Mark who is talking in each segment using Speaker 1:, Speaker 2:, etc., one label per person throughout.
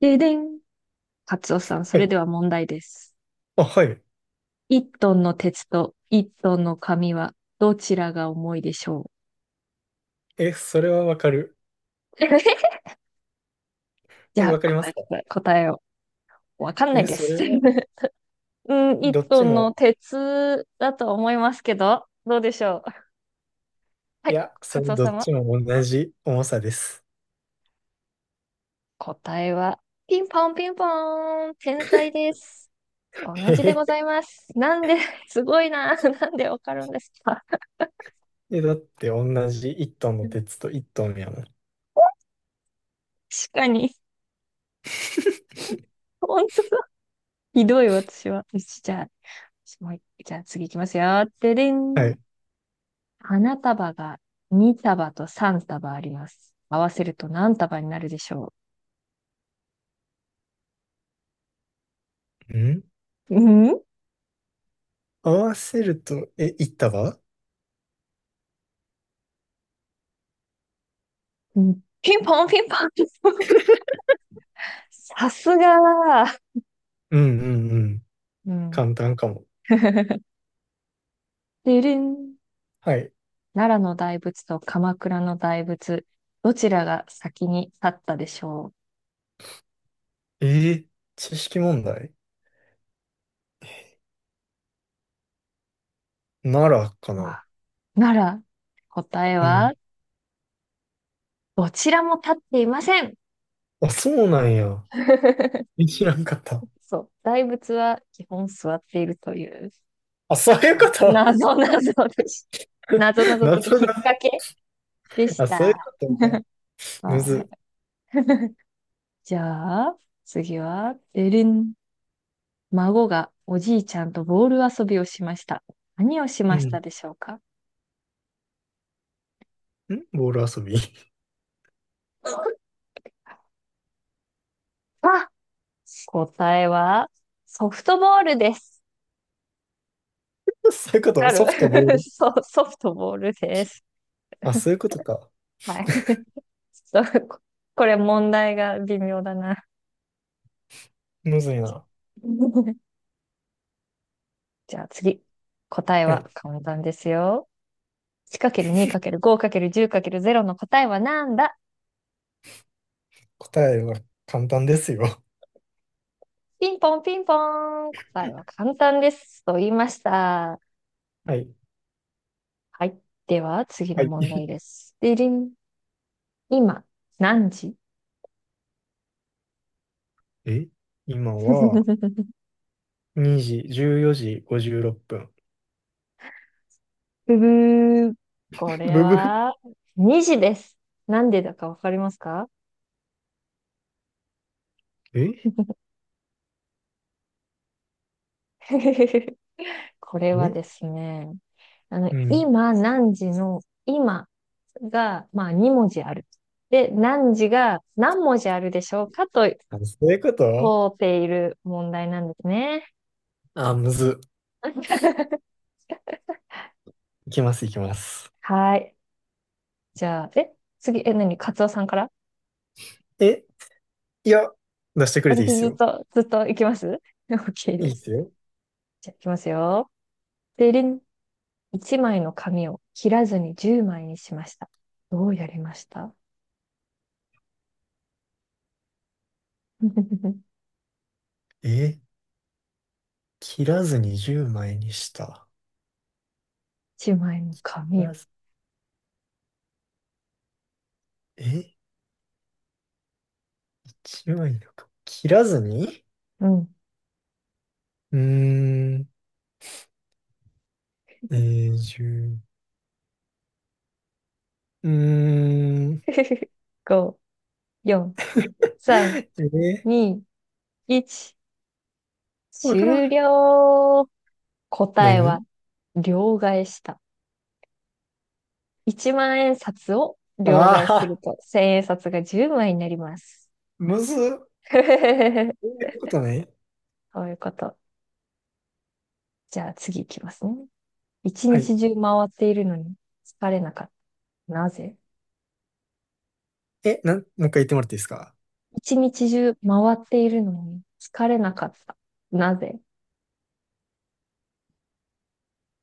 Speaker 1: ででん。カツオさん、それ
Speaker 2: え、
Speaker 1: では問題です。
Speaker 2: あ、はい。
Speaker 1: 一トンの鉄と一トンの紙はどちらが重いでしょ
Speaker 2: え、それはわかる。
Speaker 1: う。 じ
Speaker 2: え、
Speaker 1: ゃ
Speaker 2: わ
Speaker 1: あ、
Speaker 2: かりま
Speaker 1: 答
Speaker 2: す
Speaker 1: えて
Speaker 2: か？
Speaker 1: くれ、答えを。わかんない
Speaker 2: え、
Speaker 1: で
Speaker 2: それ
Speaker 1: す。
Speaker 2: は、
Speaker 1: うん、一
Speaker 2: どっ
Speaker 1: ト
Speaker 2: ち
Speaker 1: ンの
Speaker 2: も、
Speaker 1: 鉄だと思いますけど、どうでしょう。は
Speaker 2: い
Speaker 1: い、
Speaker 2: や、そ
Speaker 1: カ
Speaker 2: れ
Speaker 1: ツオ
Speaker 2: どっ
Speaker 1: 様。
Speaker 2: ちも同じ重さです。
Speaker 1: 答えは、ピンポンピンポーン、天才です。同
Speaker 2: え
Speaker 1: じ
Speaker 2: へ
Speaker 1: でござ
Speaker 2: へ、
Speaker 1: います。なんで、すごいな。なんでわかるんですか。
Speaker 2: だって同じ1トンの鉄 と1トンやもん。
Speaker 1: 確かに。本当だ。ひどい、私は。よしじゃあ、すごい。じゃあ次行きますよ。でで
Speaker 2: は
Speaker 1: ん。
Speaker 2: い。
Speaker 1: 花束が2束と3束あります。合わせると何束になるでしょ
Speaker 2: ん、
Speaker 1: う。うん
Speaker 2: 合わせると、いった束？
Speaker 1: うん、ピンポンピンポン。さすが。
Speaker 2: うんうんうん。
Speaker 1: ーうん。
Speaker 2: 簡単かも。
Speaker 1: ででん。
Speaker 2: はい。
Speaker 1: 奈良の大仏と鎌倉の大仏、どちらが先に立ったでしょ
Speaker 2: えー知識問題、ならか
Speaker 1: う。わ
Speaker 2: な。
Speaker 1: あ、奈良、答え
Speaker 2: う
Speaker 1: は、
Speaker 2: ん。
Speaker 1: どちらも立っていません。
Speaker 2: あ、そうなんや。え、知らんかった。
Speaker 1: そう。大仏は基本座っているという。
Speaker 2: あ、そういうこと。
Speaker 1: 謎謎でした。謎 謎
Speaker 2: な
Speaker 1: というか、
Speaker 2: ぞな
Speaker 1: 引っ
Speaker 2: ぞ
Speaker 1: 掛けで し
Speaker 2: あ、そういう
Speaker 1: た。
Speaker 2: ことか。む
Speaker 1: は
Speaker 2: ず。
Speaker 1: い。じゃあ、次は、でるん。孫がおじいちゃんとボール遊びをしました。何をし
Speaker 2: う
Speaker 1: ま
Speaker 2: ん。
Speaker 1: し
Speaker 2: ん、
Speaker 1: たでしょうか。
Speaker 2: ボール遊び。
Speaker 1: あ、答えは、ソフトボールです。
Speaker 2: そういうこ
Speaker 1: わか
Speaker 2: と、
Speaker 1: る。
Speaker 2: ソフトボー ル。
Speaker 1: そう、ソフトボールです。
Speaker 2: あ、そういうことか。
Speaker 1: はい。ちょっと、これ問題が微妙だな。
Speaker 2: むずいな。
Speaker 1: じゃあ次。答え
Speaker 2: は
Speaker 1: は
Speaker 2: い。
Speaker 1: 簡単ですよ。1×2×5×10×0 の答えはなんだ。
Speaker 2: 答えは簡単ですよ。
Speaker 1: ピンポンピンポーン。答えは簡単です。と言いました。
Speaker 2: はい。
Speaker 1: はい。では次の
Speaker 2: はい。
Speaker 1: 問題 です。でりん。今、何時。
Speaker 2: え今 は2時、14時56分。
Speaker 1: ブブー。 こ れ
Speaker 2: ブブ。
Speaker 1: は、2時です。なんでだかわかりますか。
Speaker 2: え
Speaker 1: これはで
Speaker 2: え、
Speaker 1: すね、
Speaker 2: うん。
Speaker 1: 今何時の、今が、まあ、2文字ある。で、何時が何文字あるでしょうかと
Speaker 2: あ、そういうこと。
Speaker 1: 問うている問題なんですね。
Speaker 2: あ、むず。いきます、いきます。
Speaker 1: はい。じゃあ、え、次、え、何、カツオさんから、
Speaker 2: えいや、出してくれてい
Speaker 1: 私
Speaker 2: いっす
Speaker 1: ずっ
Speaker 2: よ。
Speaker 1: と、ずっと行きます ?OK
Speaker 2: いい
Speaker 1: で
Speaker 2: っ
Speaker 1: す。
Speaker 2: すよ。
Speaker 1: じゃあ、行きますよ。でりん。1枚の紙を切らずに10枚にしました。どうやりました
Speaker 2: え、切らずに10枚にした。
Speaker 1: ?1 枚の
Speaker 2: 切
Speaker 1: 紙
Speaker 2: ら
Speaker 1: を。
Speaker 2: ず、え ?1 枚のか。切らずに、
Speaker 1: うん。
Speaker 2: うーん。永住。うーん。
Speaker 1: 5、4、3、
Speaker 2: え
Speaker 1: 2、1。
Speaker 2: わからん。
Speaker 1: 終了。答え
Speaker 2: 何？
Speaker 1: は、両替した。1万円札を両替する
Speaker 2: ああ
Speaker 1: と、千円札が10枚になります。
Speaker 2: ー、むずっ。そう いうことね。
Speaker 1: そういうこと。じゃあ次いきますね。一
Speaker 2: はい。
Speaker 1: 日中回っているのに疲れなかった。なぜ。
Speaker 2: え、もう一回言ってもらっていいですか？
Speaker 1: 一日中回っているのに疲れなかった。なぜ。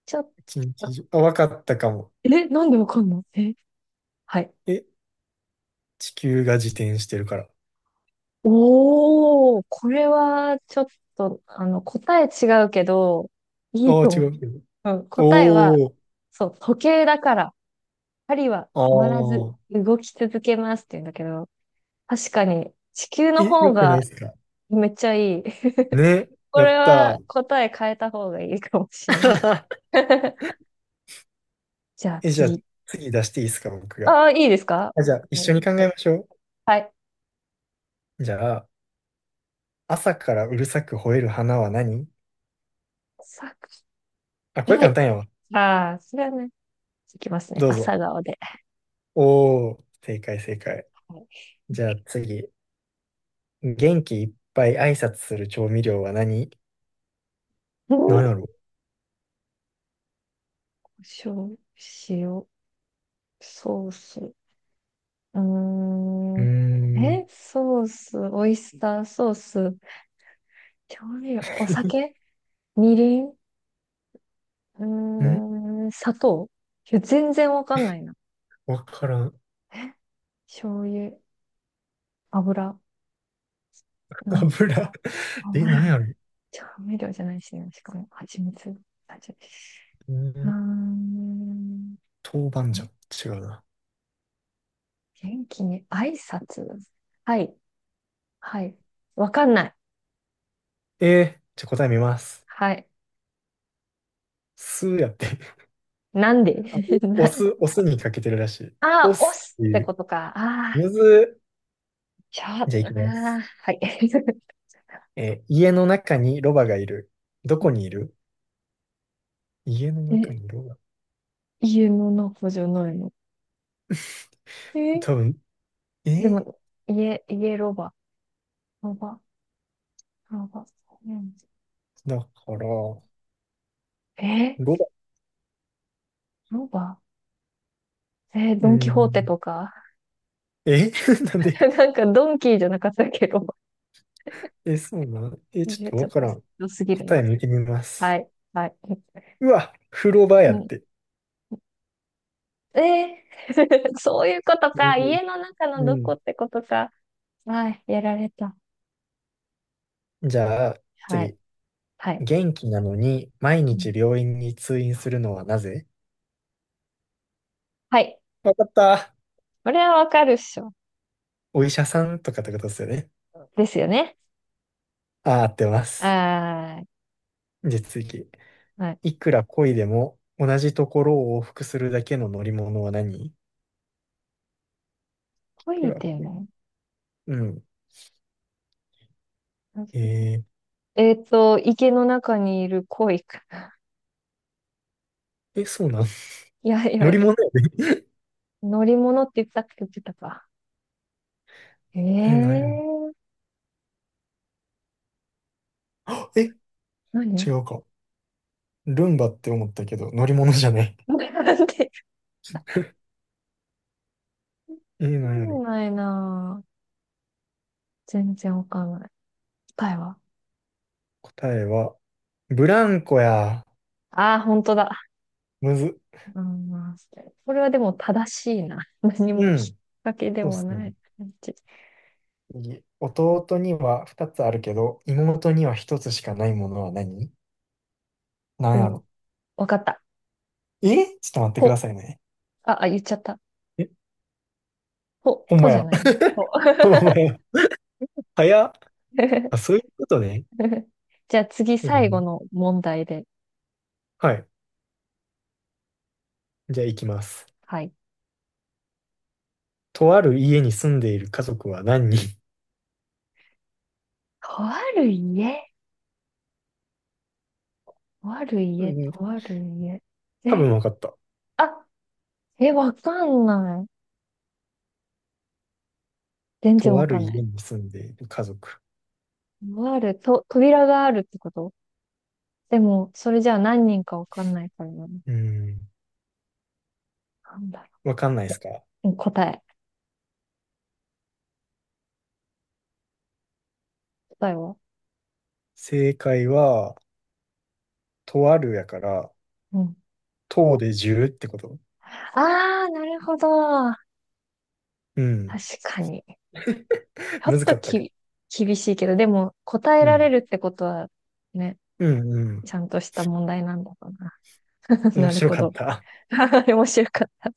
Speaker 1: ちょっ
Speaker 2: 一日
Speaker 1: と、
Speaker 2: 中。あ、わかったかも。
Speaker 1: え、なんでわかんの、え、はい。
Speaker 2: え、地球が自転してるから。
Speaker 1: おお、これはちょっと、答え違うけど、いい
Speaker 2: ああ、
Speaker 1: と
Speaker 2: 違
Speaker 1: 思う。
Speaker 2: うけど。
Speaker 1: うん、答えは、
Speaker 2: おー。
Speaker 1: そう、時計だから、針は
Speaker 2: あ
Speaker 1: 止まらず
Speaker 2: あ。
Speaker 1: 動き続けますって言うんだけど、確かに、地球の
Speaker 2: え、よ
Speaker 1: 方
Speaker 2: くな
Speaker 1: が
Speaker 2: いですか？
Speaker 1: めっちゃいい。
Speaker 2: ね。
Speaker 1: こ
Speaker 2: やっ
Speaker 1: れ
Speaker 2: た
Speaker 1: は
Speaker 2: ー。
Speaker 1: 答え変えた方がいいかもしんない。じゃあ
Speaker 2: え、じゃあ、
Speaker 1: 次。
Speaker 2: 次出していいですか、僕が。
Speaker 1: ああ、いいですか、
Speaker 2: あ、じゃあ、一
Speaker 1: う
Speaker 2: 緒
Speaker 1: ん、
Speaker 2: に考えましょ
Speaker 1: はい。
Speaker 2: う。じゃあ、朝からうるさく吠える花は何？
Speaker 1: さ、
Speaker 2: あ、これ
Speaker 1: は
Speaker 2: 簡
Speaker 1: い。
Speaker 2: 単やわ。
Speaker 1: ああ、それはね、いきますね。
Speaker 2: どうぞ。
Speaker 1: 朝顔で。
Speaker 2: おー、正解正解。
Speaker 1: はい。
Speaker 2: じゃあ次。元気いっぱい挨拶する調味料は何？何やろ？
Speaker 1: 塩、塩、ソース。うー
Speaker 2: うー
Speaker 1: ん。
Speaker 2: ん。
Speaker 1: え、ソース、オイスターソース、調味料、お酒、みりん、うー
Speaker 2: ん。
Speaker 1: ん、砂糖。いや、全然わかんないな。
Speaker 2: わからん。
Speaker 1: え、醤油、油、
Speaker 2: 油。
Speaker 1: うん、
Speaker 2: え、何
Speaker 1: 油。
Speaker 2: やろ？う
Speaker 1: 調味料じゃないしね、しかも、蜂蜜。蜂蜜。
Speaker 2: ー
Speaker 1: うー
Speaker 2: ん。
Speaker 1: ん。
Speaker 2: 豆板醤。違うな。
Speaker 1: 元気に挨拶。はい、はい。わかんない。
Speaker 2: えー、じゃあ答え見ます。
Speaker 1: はい。
Speaker 2: 酢やって。
Speaker 1: なんで。
Speaker 2: あ、お
Speaker 1: な。
Speaker 2: 酢、お酢にかけてるらしい。
Speaker 1: あ
Speaker 2: お
Speaker 1: あ、押
Speaker 2: 酢っ
Speaker 1: す
Speaker 2: て
Speaker 1: って
Speaker 2: い
Speaker 1: こ
Speaker 2: う。
Speaker 1: とか。ああ、
Speaker 2: むず
Speaker 1: ちょ、あ
Speaker 2: ー。じゃあいきま
Speaker 1: あ、
Speaker 2: す。
Speaker 1: はい。
Speaker 2: 家の中にロバがいる。どこにいる？家の中
Speaker 1: え、
Speaker 2: にロバ。
Speaker 1: 家の中じゃないの。え、
Speaker 2: 多分、え
Speaker 1: で
Speaker 2: ー
Speaker 1: も、家、家ロバ。ロバ、ロバ。
Speaker 2: だから、ロ
Speaker 1: え、
Speaker 2: バ。
Speaker 1: ロバ、え、
Speaker 2: う
Speaker 1: ドンキホーテ
Speaker 2: ん。
Speaker 1: とか。
Speaker 2: え、 なんで？
Speaker 1: なんか、ドンキーじゃなかったっけ、ロバ。
Speaker 2: え、そうなん？ちょっ
Speaker 1: え、
Speaker 2: と
Speaker 1: ちょ
Speaker 2: わ
Speaker 1: っ
Speaker 2: か
Speaker 1: と、
Speaker 2: らん。
Speaker 1: 良すぎる
Speaker 2: 答
Speaker 1: な。
Speaker 2: え見てみま
Speaker 1: は
Speaker 2: す。
Speaker 1: い、はい。
Speaker 2: うわ、風呂場や
Speaker 1: う
Speaker 2: っ
Speaker 1: ん、
Speaker 2: て。
Speaker 1: ええ。 そういうこと
Speaker 2: う
Speaker 1: か。
Speaker 2: ん
Speaker 1: 家の中の
Speaker 2: う
Speaker 1: どこ
Speaker 2: ん。
Speaker 1: ってことか。はい、やられた。
Speaker 2: じゃあ、
Speaker 1: はい、
Speaker 2: 次。
Speaker 1: はい。
Speaker 2: 元気なのに毎
Speaker 1: う
Speaker 2: 日
Speaker 1: ん、
Speaker 2: 病院に通院するのはなぜ？
Speaker 1: はい。
Speaker 2: わかった。
Speaker 1: これはわかるっしょ。
Speaker 2: お医者さんとかってことですよね？
Speaker 1: ですよね。
Speaker 2: ああ、合ってます。
Speaker 1: あ
Speaker 2: じゃあ次。
Speaker 1: ー、はい。
Speaker 2: いくら漕いでも同じところを往復するだけの乗り物は何？いく
Speaker 1: 恋
Speaker 2: ら
Speaker 1: で
Speaker 2: 漕い、
Speaker 1: も。
Speaker 2: うん。え
Speaker 1: えっと、池の中にいる恋か。
Speaker 2: そうなん？
Speaker 1: いやい
Speaker 2: 乗
Speaker 1: や、
Speaker 2: り物や。
Speaker 1: 乗り物って言ったっけ、言ってたか。え
Speaker 2: え、
Speaker 1: えー、
Speaker 2: あ、え、違
Speaker 1: 何、
Speaker 2: うか。ルンバって思ったけど、乗り物じゃない。
Speaker 1: なんで、
Speaker 2: え、
Speaker 1: わか
Speaker 2: なやろ。
Speaker 1: んないなぁ。全然わかんない。答えは。
Speaker 2: 答えは、ブランコや。
Speaker 1: ああー、本当だ。
Speaker 2: むず。
Speaker 1: うん、これはでも正しいな。何も
Speaker 2: う
Speaker 1: 引っ
Speaker 2: ん。
Speaker 1: 掛けで
Speaker 2: そうっ
Speaker 1: も
Speaker 2: す
Speaker 1: な
Speaker 2: ね。
Speaker 1: い感じ。
Speaker 2: 次、弟には2つあるけど、妹には1つしかないものは何？
Speaker 1: え
Speaker 2: なや
Speaker 1: ー、
Speaker 2: ろ。
Speaker 1: わかった。
Speaker 2: ちょっと待ってくだ
Speaker 1: ほ。
Speaker 2: さいね。
Speaker 1: あ、あ、言っちゃった。
Speaker 2: え、
Speaker 1: ほ、
Speaker 2: ほん
Speaker 1: と
Speaker 2: ま
Speaker 1: じゃ
Speaker 2: や。
Speaker 1: ないの。ほ。
Speaker 2: ほんまや。早っ。あ、そういうことね。
Speaker 1: じゃあ次
Speaker 2: う
Speaker 1: 最後
Speaker 2: ん。
Speaker 1: の問題で。
Speaker 2: はい。じゃあ行きます。
Speaker 1: はい。
Speaker 2: とある家に住んでいる家族は何人？
Speaker 1: とある家。とある
Speaker 2: う
Speaker 1: 家、
Speaker 2: ん、
Speaker 1: とある家。
Speaker 2: 多
Speaker 1: え、
Speaker 2: 分分かった。
Speaker 1: あ、え、わかんない。全然
Speaker 2: と
Speaker 1: わ
Speaker 2: あ
Speaker 1: か
Speaker 2: る
Speaker 1: んない。
Speaker 2: 家に住んでいる家族。
Speaker 1: とある、と、扉があるってこと。でも、それじゃあ何人かわかんないからな。
Speaker 2: うん。
Speaker 1: なんだろ
Speaker 2: わかんないで
Speaker 1: う。
Speaker 2: す
Speaker 1: え、
Speaker 2: か？
Speaker 1: うん、答え。答えは。
Speaker 2: 正解は、とあるやから、
Speaker 1: うん。
Speaker 2: とでじゅ0ってこと？
Speaker 1: あー、なるほど。
Speaker 2: うん。
Speaker 1: 確かに。ちょ
Speaker 2: む
Speaker 1: っ
Speaker 2: ず
Speaker 1: と
Speaker 2: かったか。
Speaker 1: き、厳しいけど、でも答え
Speaker 2: う
Speaker 1: られ
Speaker 2: ん。
Speaker 1: るってことはね、
Speaker 2: うんうん。
Speaker 1: ちゃんとした問題なんだろうな。
Speaker 2: 面
Speaker 1: なる
Speaker 2: 白
Speaker 1: ほ
Speaker 2: かっ
Speaker 1: ど。
Speaker 2: た。
Speaker 1: 面白かった。